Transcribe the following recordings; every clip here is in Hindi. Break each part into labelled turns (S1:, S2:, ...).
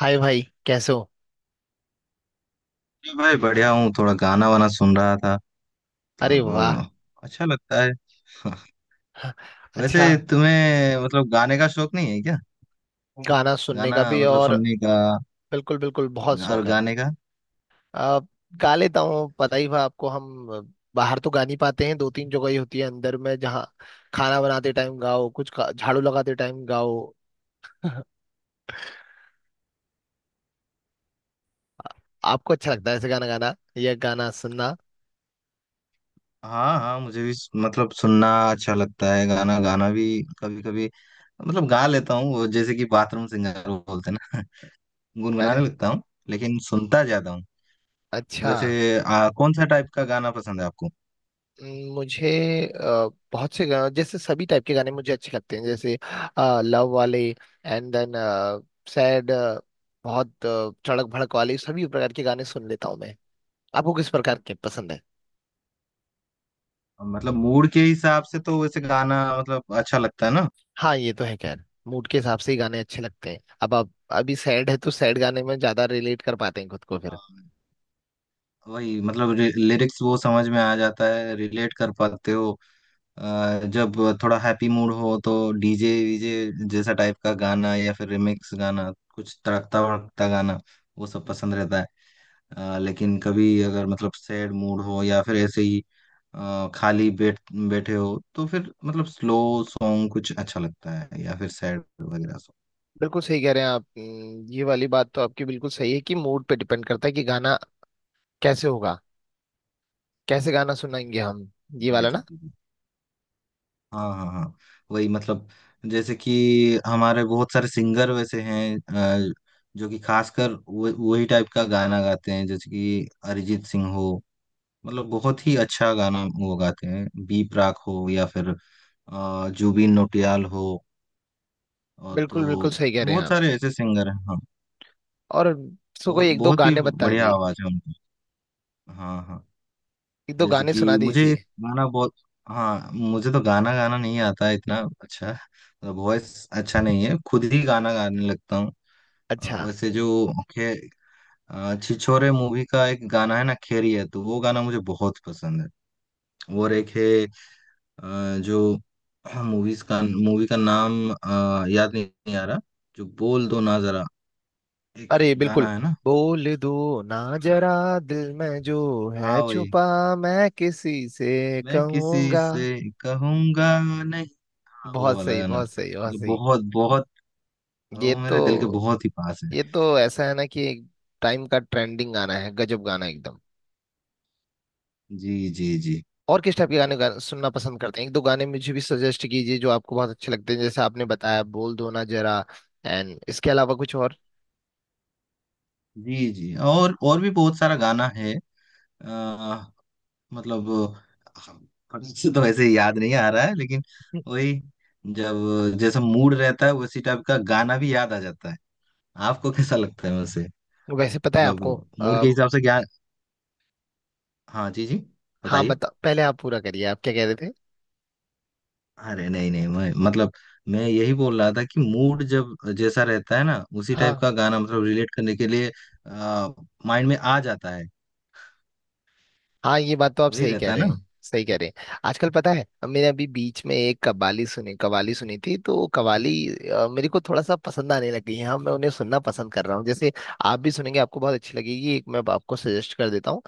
S1: हाय भाई, कैसे हो?
S2: जी भाई, बढ़िया हूँ। थोड़ा गाना वाना सुन रहा था।
S1: अरे
S2: मतलब
S1: वाह,
S2: अ, अच्छा लगता है वैसे।
S1: अच्छा।
S2: तुम्हें मतलब गाने का शौक नहीं है क्या?
S1: गाना सुनने
S2: गाना
S1: का भी
S2: मतलब
S1: और
S2: सुनने का,
S1: बिल्कुल बिल्कुल बहुत
S2: और
S1: शौक है।
S2: गाने का?
S1: आ, गा लेता हूँ, पता ही था आपको। हम बाहर तो गा नहीं पाते हैं। दो तीन जगह ही होती है अंदर में जहाँ खाना बनाते टाइम गाओ, झाड़ू लगाते टाइम गाओ। आपको अच्छा लगता है ऐसे गाना गाना या गाना सुनना?
S2: हाँ हाँ, मुझे भी मतलब सुनना अच्छा लगता है, गाना गाना भी, कभी कभी। मतलब गा लेता हूँ वो, जैसे कि बाथरूम सिंगर वो बोलते हैं ना गुनगुनाने
S1: अरे
S2: लगता हूँ। लेकिन सुनता ज्यादा हूँ।
S1: अच्छा।
S2: वैसे कौन सा टाइप का गाना पसंद है आपको?
S1: मुझे बहुत से गाने, जैसे सभी टाइप के गाने मुझे अच्छे लगते हैं। जैसे लव वाले, एंड देन सैड, बहुत चड़क भड़क वाले, सभी प्रकार के गाने सुन लेता हूँ मैं। आपको किस प्रकार के पसंद है?
S2: मतलब मूड के हिसाब से तो वैसे गाना मतलब अच्छा लगता है।
S1: हाँ, ये तो है। खैर, मूड के हिसाब से ही गाने अच्छे लगते हैं। अब आप अभी सैड है तो सैड गाने में ज्यादा रिलेट कर पाते हैं खुद को फिर।
S2: ना, वही मतलब लिरिक्स वो समझ में आ जाता है, रिलेट कर पाते हो। जब थोड़ा हैप्पी मूड हो तो डीजे वीजे जैसा टाइप का गाना, या फिर रिमिक्स गाना, कुछ तड़कता भड़कता गाना, वो सब पसंद रहता है। लेकिन कभी अगर मतलब सैड मूड हो, या फिर ऐसे ही खाली बैठे हो तो फिर मतलब स्लो सॉन्ग कुछ अच्छा लगता है, या फिर सैड वगैरह सॉन्ग।
S1: बिल्कुल सही कह रहे हैं आप। ये वाली बात तो आपकी बिल्कुल सही है कि मूड पे डिपेंड करता है कि गाना कैसे होगा, कैसे गाना सुनाएंगे हम, ये
S2: जी
S1: वाला
S2: जी
S1: ना।
S2: जी। हाँ हाँ हाँ, वही मतलब, जैसे कि हमारे बहुत सारे सिंगर वैसे हैं, अ, जो कि खासकर वही टाइप का गाना गाते हैं, जैसे कि अरिजीत सिंह हो, मतलब बहुत ही अच्छा गाना वो गाते हैं, बी प्राक हो, या फिर जुबिन नौटियाल हो, और
S1: बिल्कुल बिल्कुल
S2: तो
S1: सही कह रहे हैं
S2: बहुत
S1: आप।
S2: सारे ऐसे सिंगर हैं, हाँ।
S1: और उसको कोई
S2: बहुत
S1: एक दो
S2: बहुत ही
S1: गाने बता
S2: बढ़िया
S1: दीजिए,
S2: आवाज है उनकी। हाँ हाँ,
S1: एक दो
S2: जैसे
S1: गाने सुना
S2: कि मुझे
S1: दीजिए।
S2: गाना बहुत। हाँ, मुझे तो गाना गाना नहीं आता है इतना अच्छा, मतलब वॉइस अच्छा नहीं है, खुद ही गाना गाने लगता हूँ।
S1: अच्छा।
S2: वैसे जो खे छिछोरे मूवी का एक गाना है ना, खेरी है तो, वो गाना मुझे बहुत पसंद है। और एक है जो मूवी का नाम याद नहीं आ रहा, जो बोल दो ना जरा, एक
S1: अरे बिल्कुल,
S2: गाना है ना।
S1: बोल दो ना
S2: हाँ
S1: जरा, दिल में जो
S2: हाँ,
S1: है
S2: वही।
S1: छुपा, मैं किसी से
S2: मैं किसी
S1: कहूंगा।
S2: से कहूंगा नहीं। हाँ, वो
S1: बहुत
S2: वाला
S1: सही,
S2: गाना
S1: बहुत सही, बहुत
S2: मतलब
S1: सही।
S2: बहुत बहुत,
S1: ये
S2: वो
S1: तो,
S2: मेरे दिल के बहुत ही पास है।
S1: ये तो ऐसा है ना कि एक टाइम का ट्रेंडिंग गाना है, गजब गाना एकदम।
S2: जी जी जी।
S1: और किस टाइप के गाने सुनना पसंद करते हैं? एक दो गाने मुझे भी सजेस्ट कीजिए जो आपको बहुत अच्छे लगते हैं। जैसे आपने बताया बोल दो ना जरा, एंड इसके अलावा कुछ और?
S2: जी जी, और भी बहुत सारा गाना है, आ, मतलब हम- फटाक से तो वैसे याद नहीं आ रहा है, लेकिन
S1: हम्म,
S2: वही, जब जैसा मूड रहता है उसी टाइप का गाना भी याद आ जाता है। आपको कैसा लगता है वैसे?
S1: वैसे पता है
S2: मतलब
S1: आपको।
S2: मूड के हिसाब से? क्या, हाँ जी जी,
S1: हाँ
S2: बताइए।
S1: बता, पहले आप पूरा करिए, आप क्या कह रहे थे।
S2: अरे नहीं नहीं, मैं मतलब, मैं यही बोल रहा था कि मूड जब जैसा रहता है ना, उसी टाइप
S1: हाँ
S2: का गाना मतलब रिलेट करने के लिए आ, माइंड में आ जाता है।
S1: हाँ, ये बात तो आप
S2: वही
S1: सही कह
S2: रहता है
S1: रहे
S2: ना।
S1: हैं, सही कह रहे हैं। आजकल पता है मैंने अभी बीच में एक कव्वाली सुनी, कव्वाली सुनी थी, तो कव्वाली मेरे को थोड़ा सा पसंद आने लगी है। हाँ, मैं उन्हें सुनना पसंद कर रहा हूँ। जैसे आप भी सुनेंगे, आपको बहुत अच्छी लगेगी। एक मैं आपको सजेस्ट कर देता हूँ।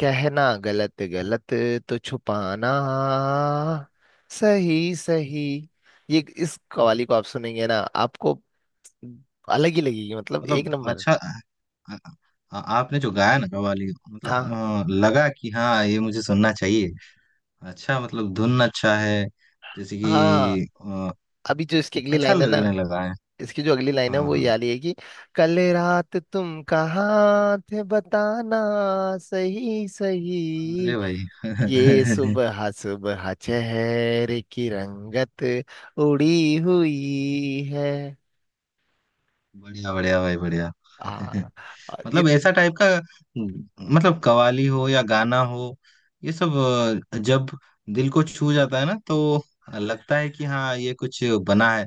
S1: कहना गलत गलत तो छुपाना सही सही। ये इस कव्वाली को आप सुनेंगे ना, आपको अलग ही लगेगी। मतलब एक
S2: मतलब
S1: नंबर।
S2: अच्छा, आपने जो गाया ना कव्वाली, मतलब
S1: हाँ
S2: लगा कि हाँ, ये मुझे सुनना चाहिए। अच्छा, मतलब धुन अच्छा है, जैसे
S1: हाँ।
S2: कि
S1: अभी जो इसकी अगली
S2: अच्छा
S1: लाइन है ना,
S2: लगने लगा है।
S1: इसकी जो अगली लाइन है
S2: हाँ
S1: वो ये
S2: हाँ।
S1: वाली है कि कल रात तुम कहाँ थे बताना, सही सही,
S2: अरे
S1: ये
S2: भाई
S1: सुबह सुबह चेहरे की रंगत उड़ी हुई है।
S2: बढ़िया बढ़िया भाई, बढ़िया
S1: आ, आ, ये
S2: मतलब ऐसा टाइप का, मतलब कव्वाली हो या गाना हो, ये सब जब दिल को छू जाता है ना, तो लगता है कि हाँ, ये कुछ बना है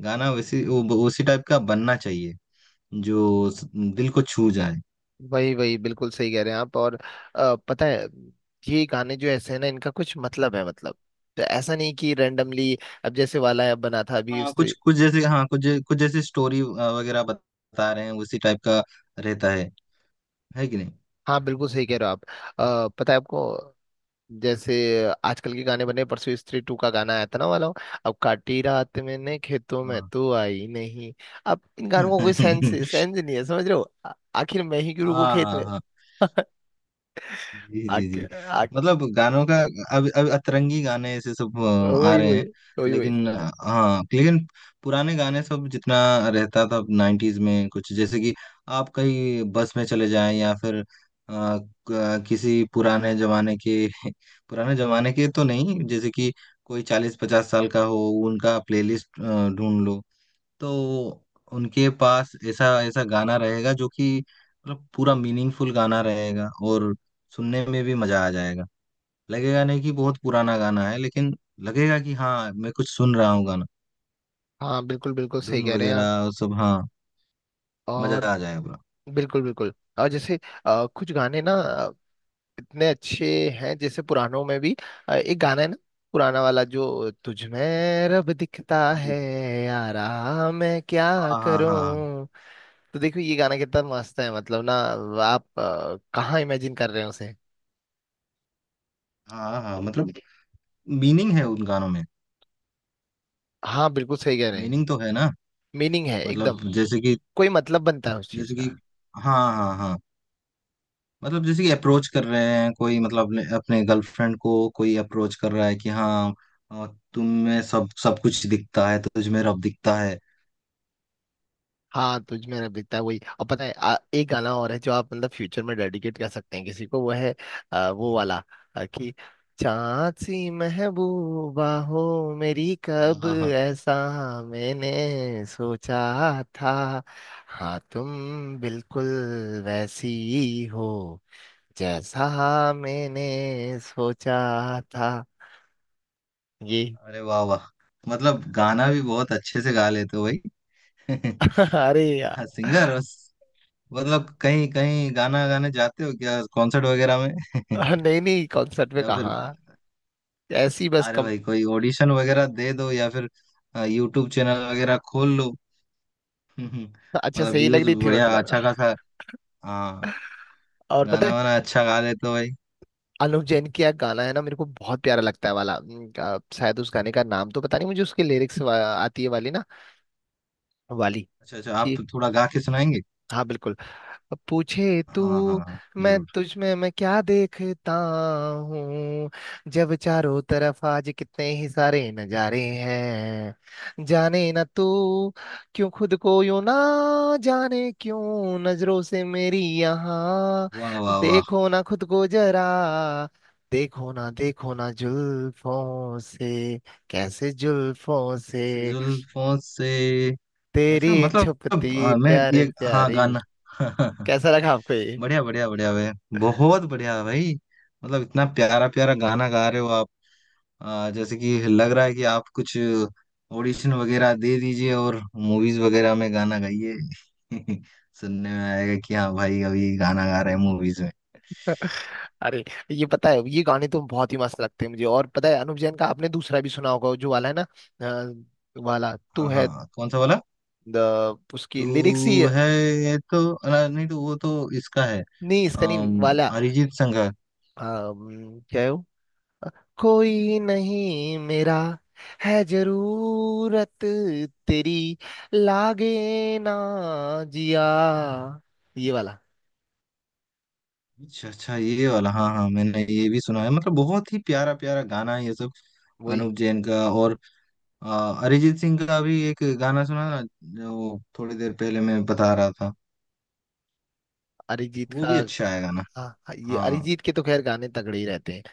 S2: गाना, वैसी उसी टाइप का बनना चाहिए, जो दिल को छू जाए।
S1: वही वही, बिल्कुल सही कह रहे हैं आप। और पता है, ये गाने जो ऐसे हैं ना, इनका कुछ मतलब है, मतलब। तो ऐसा नहीं कि रैंडमली अब जैसे वाला बना था अभी
S2: हाँ कुछ
S1: उसने।
S2: कुछ, जैसे हाँ, कुछ जैसी स्टोरी वगैरह बता रहे हैं, उसी टाइप का रहता है कि नहीं।
S1: हाँ, बिल्कुल सही कह रहे हो आप। पता है आपको, जैसे आजकल के गाने बने, परसों स्त्री टू का गाना आया था ना वाला, अब काटी रात मैंने खेतों में
S2: हाँ
S1: तू आई नहीं। अब इन गानों का कोई सेंस सेंस नहीं है, समझ रहे हो? आखिर मैं ही क्यों रुकू
S2: हाँ
S1: खेत
S2: हाँ
S1: में,
S2: हाँ जी जी जी।
S1: आखिर।
S2: मतलब गानों का, अब अतरंगी गाने ऐसे सब आ
S1: वही
S2: रहे
S1: वही,
S2: हैं।
S1: वही वही।
S2: लेकिन हाँ, लेकिन पुराने गाने सब, जितना रहता था नाइन्टीज में, कुछ जैसे कि आप कहीं बस में चले जाएं, या फिर किसी पुराने जमाने के पुराने जमाने के तो नहीं, जैसे कि कोई 40-50 साल का हो, उनका प्लेलिस्ट ढूंढ लो, तो उनके पास ऐसा ऐसा गाना रहेगा जो कि मतलब पूरा मीनिंगफुल गाना रहेगा, और सुनने में भी मजा आ जाएगा। लगेगा नहीं कि बहुत पुराना गाना है, लेकिन लगेगा कि हाँ, मैं कुछ सुन रहा हूँ गाना,
S1: हाँ, बिल्कुल बिल्कुल सही
S2: धुन
S1: कह रहे हैं आप।
S2: वगैरह और सब। हाँ, मजा
S1: और
S2: आ जाएगा पूरा।
S1: बिल्कुल बिल्कुल। और जैसे कुछ गाने ना इतने अच्छे हैं, जैसे पुरानों में भी एक गाना है ना, पुराना वाला, जो तुझ में रब दिखता
S2: हम्म।
S1: है, यारा मैं क्या
S2: हाँ हाँ हाँ
S1: करूं। तो देखो ये गाना कितना मस्त है, मतलब ना, आप कहाँ इमेजिन कर रहे हो उसे।
S2: हाँ हाँ, मतलब मीनिंग है उन गानों में,
S1: हाँ, बिल्कुल सही कह रहे हैं।
S2: मीनिंग तो है ना।
S1: मीनिंग है एकदम।
S2: मतलब जैसे कि,
S1: कोई मतलब बनता है उस चीज
S2: जैसे कि
S1: का।
S2: हाँ हाँ हाँ, मतलब जैसे कि अप्रोच कर रहे हैं कोई, मतलब अपने अपने गर्लफ्रेंड को कोई अप्रोच कर रहा है कि हाँ, अ, तुम में सब सब कुछ दिखता है, तुझ में रब दिखता है।
S1: हाँ, तुझ में अब दिखता है, वही। और पता है एक गाना और है जो आप मतलब फ्यूचर में डेडिकेट कर सकते हैं किसी को, वो है आ, वो वाला आ, कि चांद सी महबूबा हो मेरी कब,
S2: हाँ हाँ।
S1: ऐसा मैंने सोचा था, हाँ तुम बिल्कुल वैसी हो जैसा मैंने सोचा था, ये।
S2: अरे वाह वाह, मतलब गाना भी बहुत अच्छे से गा लेते हो भाई।
S1: अरे यार।
S2: हाँ, सिंगर। मतलब कहीं कहीं गाना गाने जाते हो क्या, कॉन्सर्ट वगैरह में?
S1: नहीं नहीं, कॉन्सर्ट में
S2: या फिर,
S1: कहा, ऐसी बस
S2: अरे
S1: कम।
S2: भाई कोई ऑडिशन वगैरह दे दो, या फिर यूट्यूब चैनल वगैरह खोल लो।
S1: अच्छा,
S2: मतलब
S1: सही लग
S2: व्यूज
S1: रही थी
S2: बढ़िया
S1: मतलब।
S2: अच्छा खासा। हाँ,
S1: और पता
S2: गाना
S1: है,
S2: वाना अच्छा गा लेते हो भाई।
S1: अनु जैन की एक गाना है ना, मेरे को बहुत प्यारा लगता है वाला, शायद उस गाने का नाम तो पता नहीं मुझे, उसके लिरिक्स आती है वाली ना, वाली।
S2: अच्छा अच्छा, आप
S1: जी,
S2: तो थोड़ा गा के सुनाएंगे।
S1: हाँ बिल्कुल। अब पूछे तू,
S2: हाँ हाँ हाँ,
S1: मैं
S2: जरूर।
S1: तुझ में मैं क्या देखता हूँ, जब चारों तरफ आज कितने ही सारे नजारे हैं, जाने ना तू क्यों खुद को, यूं ना जाने क्यों नजरों से मेरी यहाँ,
S2: वाह वाह वाह,
S1: देखो ना खुद को जरा, देखो ना देखो ना, जुल्फों से कैसे जुल्फों से
S2: जुल्फों से। अच्छा
S1: तेरी छुपती
S2: मतलब, मैं
S1: प्यारे
S2: ये। हाँ,
S1: प्यारी।
S2: गाना
S1: कैसा लगा आपको ये?
S2: बढ़िया बढ़िया बढ़िया भाई, बहुत बढ़िया भाई। मतलब इतना प्यारा प्यारा गाना गा रहे हो आप, जैसे कि लग रहा है कि आप कुछ ऑडिशन वगैरह दे दीजिए और मूवीज वगैरह में गाना गाइए। सुनने में आएगा कि हाँ भाई, अभी गाना गा रहे हैं मूवीज में।
S1: अरे। ये पता है, ये गाने तो बहुत ही मस्त लगते हैं मुझे। और पता है अनुप जैन का आपने दूसरा भी सुना होगा जो वाला है ना, अ, वाला तू
S2: हाँ
S1: है
S2: हाँ, कौन सा वाला?
S1: द, उसकी लिरिक्स ही।
S2: तू है तो नहीं, तो वो तो इसका है।
S1: नहीं इसका नहीं वाला।
S2: अरिजीत संघ का।
S1: क्या है वो, कोई नहीं मेरा है जरूरत तेरी, लागे ना जिया, ये वाला,
S2: अच्छा अच्छा, ये वाला। हाँ हाँ, मैंने ये भी सुना है, मतलब बहुत ही प्यारा प्यारा गाना है ये सब,
S1: वही।
S2: अनूप जैन का। और अ, अरिजीत सिंह का भी एक गाना सुना ना, जो थोड़ी देर पहले मैं बता रहा था,
S1: अरिजीत
S2: वो
S1: का?
S2: भी अच्छा है गाना।
S1: हाँ हाँ, ये
S2: हाँ
S1: अरिजीत के तो खैर गाने तगड़े ही रहते हैं।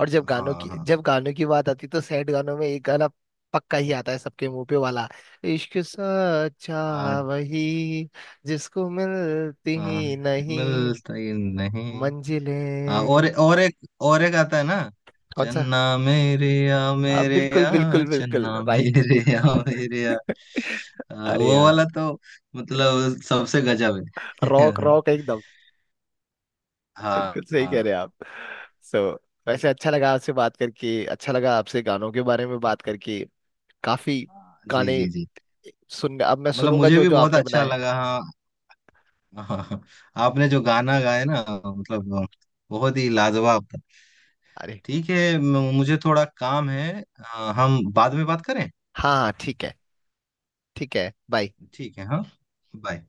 S1: और जब गानों
S2: हाँ
S1: की,
S2: हाँ
S1: जब गानों की बात आती तो सैड गानों में एक गाना पक्का ही आता है सबके मुंह पे वाला, इश्क सच्चा
S2: हाँ
S1: वही जिसको मिलती
S2: हाँ,
S1: ही नहीं
S2: मिलता ही नहीं। हाँ, और
S1: मंजिलें।
S2: और एक और एक आता है ना,
S1: कौन सा?
S2: चन्ना मेरे या
S1: आप
S2: मेरे
S1: बिल्कुल
S2: या,
S1: बिल्कुल बिल्कुल
S2: चन्ना
S1: राइट।
S2: मेरे या मेरे या,
S1: अरे
S2: वो वाला
S1: यार,
S2: तो मतलब सबसे गजब है
S1: रॉक रॉक एकदम।
S2: हाँ
S1: बिल्कुल सही कह
S2: हाँ।
S1: रहे हैं आप। सो, वैसे अच्छा लगा आपसे बात करके, अच्छा लगा आपसे गानों के बारे में बात करके। काफी
S2: जी
S1: गाने
S2: जी जी,
S1: सुन, अब मैं
S2: मतलब
S1: सुनूंगा
S2: मुझे
S1: जो
S2: भी
S1: जो
S2: बहुत
S1: आपने
S2: अच्छा
S1: बनाए।
S2: लगा हाँ। हाँ, आपने जो गाना गाया ना मतलब बहुत ही लाजवाब था।
S1: अरे।
S2: ठीक है, मुझे थोड़ा काम है, हम बाद में बात करें।
S1: हाँ हाँ, ठीक है। ठीक है, बाय।
S2: ठीक है हाँ। बाय।